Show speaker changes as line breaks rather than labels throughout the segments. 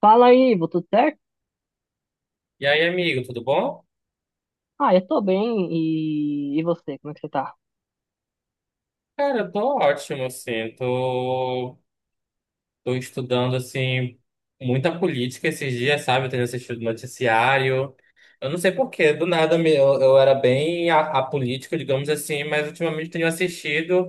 Fala aí, Ivo, tudo certo?
E aí, amigo, tudo bom?
Ah, eu tô bem, e você, como é que você tá?
Cara, eu tô ótimo, assim, tô estudando, assim, muita política esses dias, sabe? Eu tenho assistido noticiário, eu não sei por quê, do nada eu era bem apolítico, digamos assim, mas ultimamente eu tenho assistido,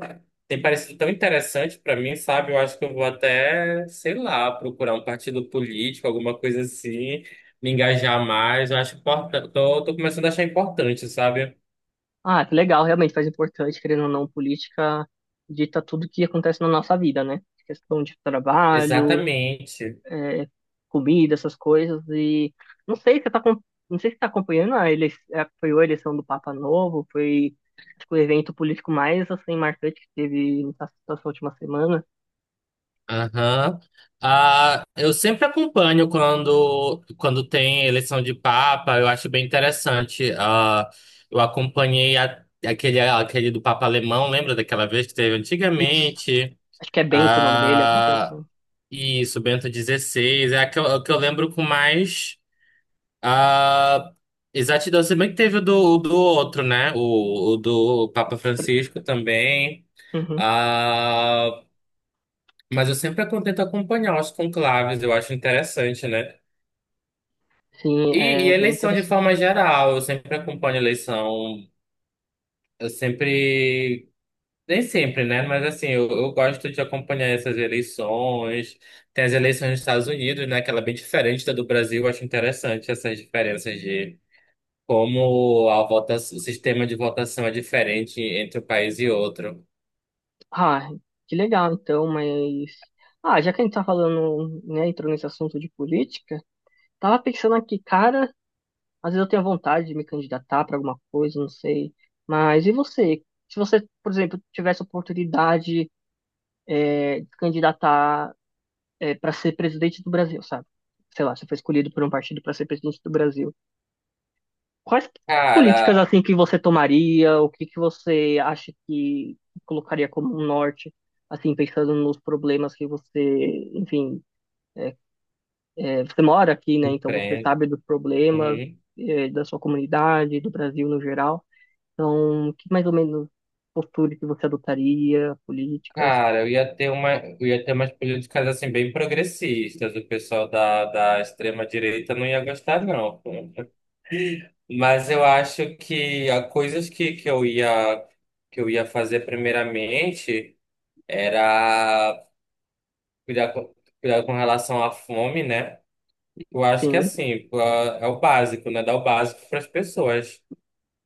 tem parecido tão interessante pra mim, sabe? Eu acho que eu vou até, sei lá, procurar um partido político, alguma coisa assim, me engajar mais, eu acho importante, tô começando a achar importante, sabe?
Ah, que legal, realmente faz importante, querendo ou não, política dita tudo que acontece na nossa vida, né? Questão de trabalho,
Exatamente.
é, comida, essas coisas, e não sei se você tá, acom- não sei se você tá acompanhando a eleição, foi a eleição do Papa Novo, foi, acho que o evento político mais, assim, marcante que teve nessa última semana.
Aham. Ah, eu sempre acompanho quando tem eleição de Papa, eu acho bem interessante. Ah, eu acompanhei aquele do Papa Alemão, lembra daquela vez que teve
Isso,
antigamente?
acho que é Bento o nome dele, alguma coisa
Ah,
assim.
isso, Bento XVI é a que eu lembro com mais ah, exatidão. Se bem que teve o do outro, né? O do Papa Francisco também.
Uhum.
Ah, mas eu sempre tento acompanhar os conclaves, eu acho interessante, né?
Sim,
E
é bem
eleição de
interessante.
forma geral, eu sempre acompanho eleição, eu sempre, nem sempre, né? Mas assim, eu gosto de acompanhar essas eleições. Tem as eleições dos Estados Unidos, né? Que ela é bem diferente da do Brasil, eu acho interessante essas diferenças de como a votação, o sistema de votação é diferente entre um país e outro.
Ah, que legal então, mas. Ah, já que a gente tá falando, né, entrou nesse assunto de política, tava pensando aqui, cara, às vezes eu tenho vontade de me candidatar pra alguma coisa, não sei. Mas e você? Se você, por exemplo, tivesse a oportunidade, é, de se candidatar, é, para ser presidente do Brasil, sabe? Sei lá, você foi escolhido por um partido para ser presidente do Brasil. Quais políticas
Cara,
assim que você tomaria? O que que você acha que colocaria como um norte, assim, pensando nos problemas que você, enfim, é, você mora aqui, né? Então você
enfrenta.
sabe dos problemas, é, da sua comunidade, do Brasil no geral. Então, que mais ou menos postura que você adotaria, políticas?
Cara, eu ia ter umas políticas assim bem progressistas. O pessoal da extrema direita não ia gostar, não. Pô. Mas eu acho que há coisas que eu ia fazer primeiramente era cuidar com, cuidar com relação à fome, né? Eu acho que
Sim,
assim, pô, é o básico, né? Dar o básico para as pessoas.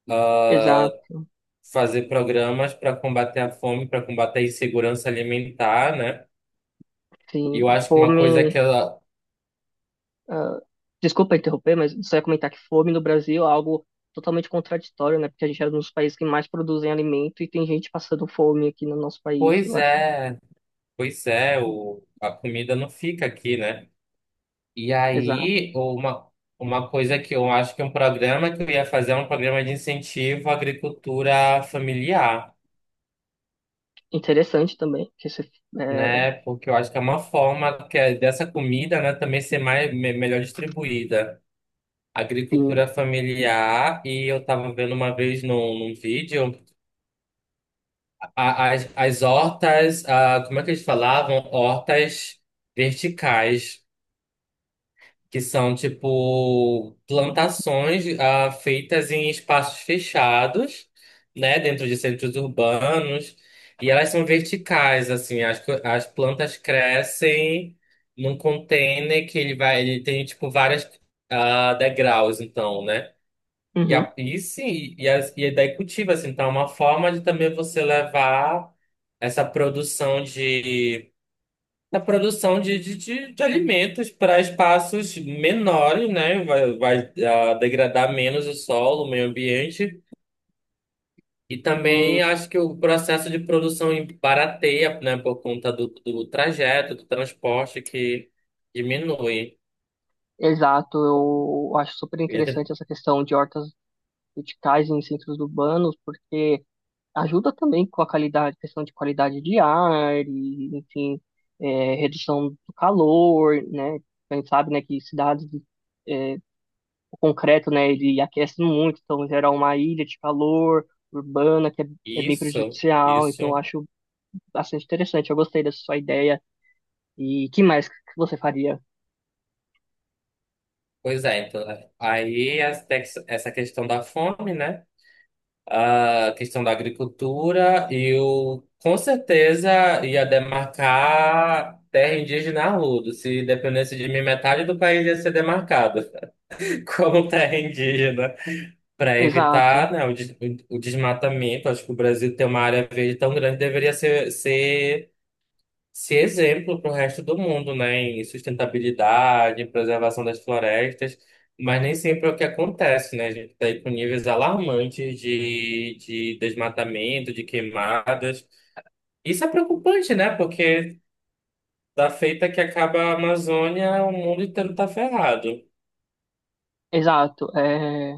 Ah,
exato.
Fazer programas para combater a fome, para combater a insegurança alimentar, né? E
Sim,
eu acho que uma
fome,
coisa que.
ah, desculpa interromper, mas só ia comentar que fome no Brasil é algo totalmente contraditório, né? Porque a gente é um dos países que mais produzem alimento e tem gente passando fome aqui no nosso país,
Pois
eu acho.
é, pois é, a comida não fica aqui, né? E
Exato.
aí, uma coisa que eu acho que é um programa que eu ia fazer é um programa de incentivo à agricultura familiar,
Interessante também, que esse, é,
né? Porque eu acho que é uma forma que é dessa comida, né, também ser mais, melhor distribuída. Agricultura
enfim,
familiar, e eu tava vendo uma vez num vídeo as hortas, como é que eles falavam? Hortas verticais. Que são tipo plantações feitas em espaços fechados, né, dentro de centros urbanos, e elas são verticais, assim, as plantas crescem num container que ele tem tipo várias degraus, então, né? E, a,
uhum,
e sim, e, as, e daí cultiva, assim, então é uma forma de também você levar essa produção da produção de alimentos para espaços menores, né? Vai degradar menos o solo, o meio ambiente. E
sim,
também acho que o processo de produção barateia, né? Por conta do trajeto, do transporte que diminui.
exato, eu acho super
E até.
interessante essa questão de hortas verticais em centros urbanos, porque ajuda também com a qualidade, questão de qualidade de ar, e, enfim, é, redução do calor, né? A gente sabe, né, que cidades é, o concreto, né, ele aquece muito, então gera uma ilha de calor urbana que é, é bem
Isso,
prejudicial, então eu
isso.
acho bastante interessante, eu gostei dessa sua ideia. E que mais que você faria?
Pois é, então, aí essa questão da fome, né? A questão da agricultura, eu com certeza ia demarcar terra indígena a rodo. Se dependesse de mim, metade do país ia ser demarcado como terra indígena, para evitar,
Exato,
né, o desmatamento. Acho que o Brasil tem uma área verde tão grande, deveria ser exemplo para o resto do mundo, né, em sustentabilidade, em preservação das florestas, mas nem sempre é o que acontece, né? A gente está aí com níveis alarmantes de desmatamento, de queimadas. Isso é preocupante, né? Porque da feita que acaba a Amazônia, o mundo inteiro está ferrado.
exato. É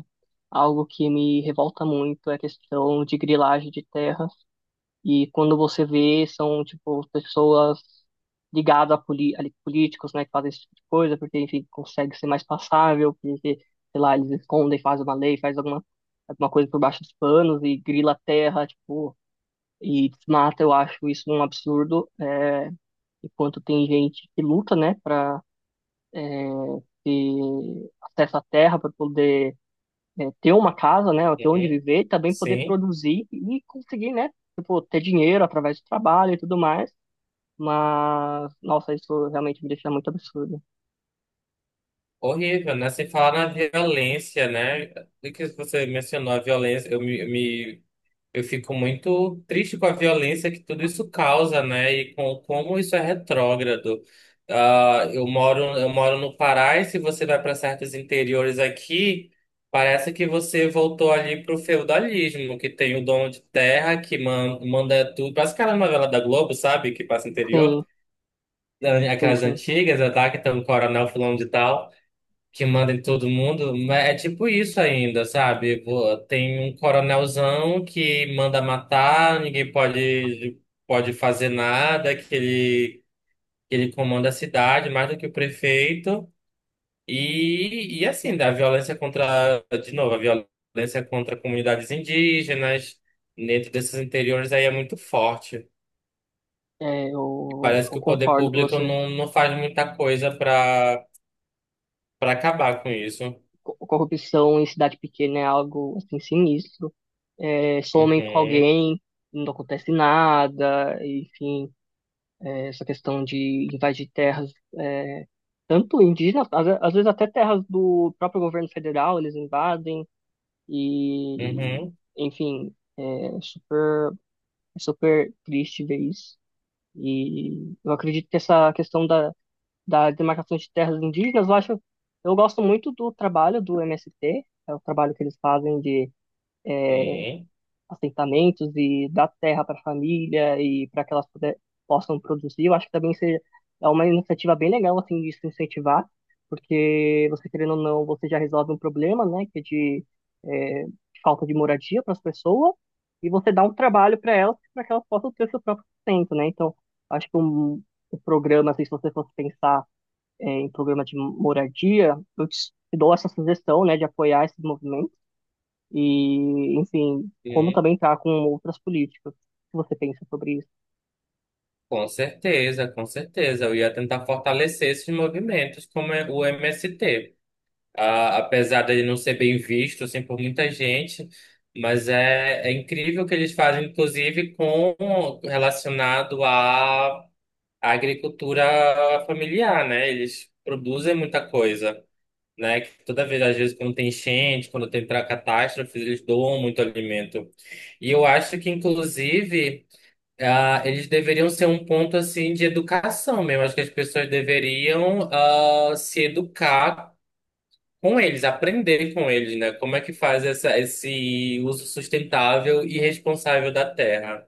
algo que me revolta muito é a questão de grilagem de terra. E quando você vê, são, tipo, pessoas ali, políticos, né, que fazem esse tipo de coisa, porque, enfim, consegue ser mais passável, porque, sei lá, eles escondem, fazem uma lei, alguma coisa por baixo dos panos e grila a terra, tipo, e desmata, eu acho isso um absurdo, é, enquanto tem gente que luta, né, pra é, ter acesso à terra, para poder é, ter uma casa, né, ter onde
Uhum.
viver, e também poder
Sim.
produzir e conseguir, né, tipo, ter dinheiro através do trabalho e tudo mais, mas, nossa, isso realmente me deixa muito absurdo.
Horrível, né? Sem falar na violência, né? O que você mencionou, a violência, Eu fico muito triste com a violência que tudo isso causa, né? E com como isso é retrógrado. Ah, eu moro no Pará e se você vai para certos interiores aqui, parece que você voltou ali pro feudalismo, que tem o dono de terra que manda tudo. Parece aquela novela da Globo, sabe? Que passa no interior,
Sim, sim,
aquelas
sim.
antigas, né, tá? Que tem o coronel fulano de tal que manda em todo mundo, mas é tipo isso ainda, sabe? Pô, tem um coronelzão que manda matar, ninguém pode fazer nada, que ele comanda a cidade mais do que o prefeito. E assim, da violência contra, de novo, a violência contra comunidades indígenas, dentro desses interiores aí é muito forte.
É, eu,
Parece
eu
que o poder
concordo com
público
você.
não faz muita coisa para acabar com isso.
Corrupção em cidade pequena é algo, assim, sinistro. É, somem com
Uhum,
alguém, não acontece nada. Enfim, é, essa questão de invadir terras, é, tanto indígenas, às vezes até terras do próprio governo federal, eles invadem. E,
uhum,
enfim, é super, super triste ver isso. E eu acredito que essa da demarcação de terras indígenas, eu acho, eu gosto muito do trabalho do MST, é o trabalho que eles fazem de
sim.
assentamentos e dar terra para a família e para possam produzir. Eu acho que também seja, é uma iniciativa bem legal assim de se incentivar, porque você querendo ou não, você já resolve um problema, né, que é de é, falta de moradia para as pessoas e você dá um trabalho para elas para que elas possam ter o seu próprio sustento, né? Então, acho que um programa, assim, se você fosse pensar é, em programa de moradia, eu te dou essa sugestão, né, de apoiar esses movimentos e, enfim, como
Sim,
também tá com outras políticas. O que você pensa sobre isso?
com certeza, com certeza. Eu ia tentar fortalecer esses movimentos, como é o MST. Apesar dele não ser bem visto assim, por muita gente, mas é incrível o que eles fazem, inclusive com relacionado à agricultura familiar, né? Eles produzem muita coisa, né? Que toda vez, às vezes, quando tem enchente, quando tem catástrofes, eles doam muito alimento. E eu acho que, inclusive. Eles deveriam ser um ponto assim de educação mesmo. Acho que as pessoas deveriam se educar com eles, aprender com eles, né? Como é que faz esse uso sustentável e responsável da terra?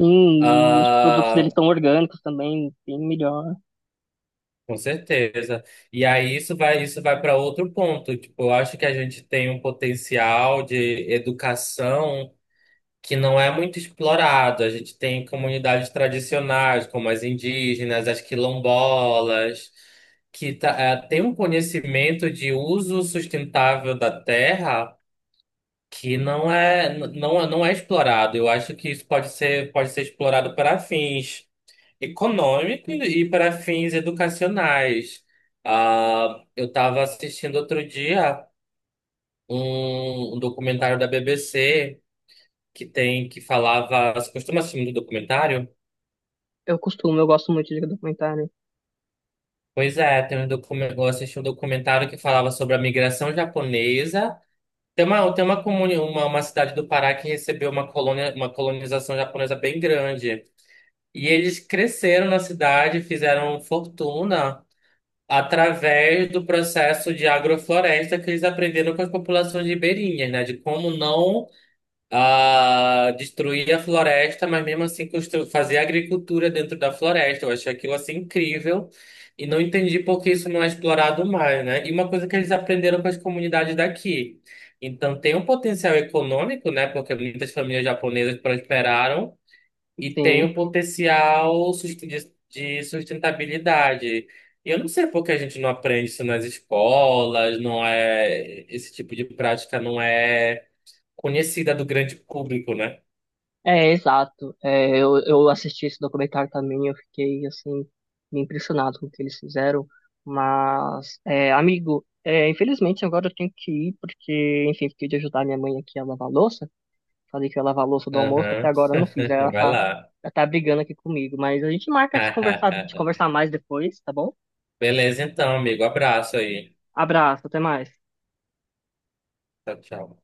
Sim, e os produtos
Ah,
deles são orgânicos também, bem melhor.
com certeza. E aí isso vai para outro ponto. Tipo, eu acho que a gente tem um potencial de educação que não é muito explorado. A gente tem comunidades tradicionais, como as indígenas, as quilombolas, que tem um conhecimento de uso sustentável da terra que não é explorado. Eu acho que isso pode ser explorado para fins econômicos e para fins educacionais. Eu estava assistindo outro dia um documentário da BBC que falava. Você costuma assistir muito documentário?
Eu costumo, eu gosto muito de documentário.
Pois é, tem um documentário, eu assisti um documentário que falava sobre a migração japonesa. Tem uma cidade do Pará que recebeu uma colonização japonesa bem grande. E eles cresceram na cidade, fizeram fortuna através do processo de agrofloresta que eles aprenderam com as populações ribeirinhas, né? De como não a destruir a floresta, mas mesmo assim fazer agricultura dentro da floresta. Eu achei aquilo assim incrível e não entendi por que isso não é explorado mais, né? E uma coisa que eles aprenderam com as comunidades daqui. Então tem um potencial econômico, né? Porque muitas famílias japonesas prosperaram e tem
Sim,
um potencial de sustentabilidade. E eu não sei por que a gente não aprende isso nas escolas, não é esse tipo de prática não é conhecida do grande público, né?
é exato. É, eu assisti esse documentário também, eu fiquei, assim, me impressionado com o que eles fizeram. Mas, é, amigo, é, infelizmente agora eu tenho que ir, porque, enfim, fiquei de ajudar minha mãe aqui a lavar a louça. Falei que ia lavar a louça do almoço, até
Aham.
agora eu não fiz. Aí
Vai lá.
ela tá brigando aqui comigo. Mas a gente marca de conversar mais depois, tá bom?
Beleza, então, amigo. Abraço aí.
Abraço, até mais.
Tchau, tchau.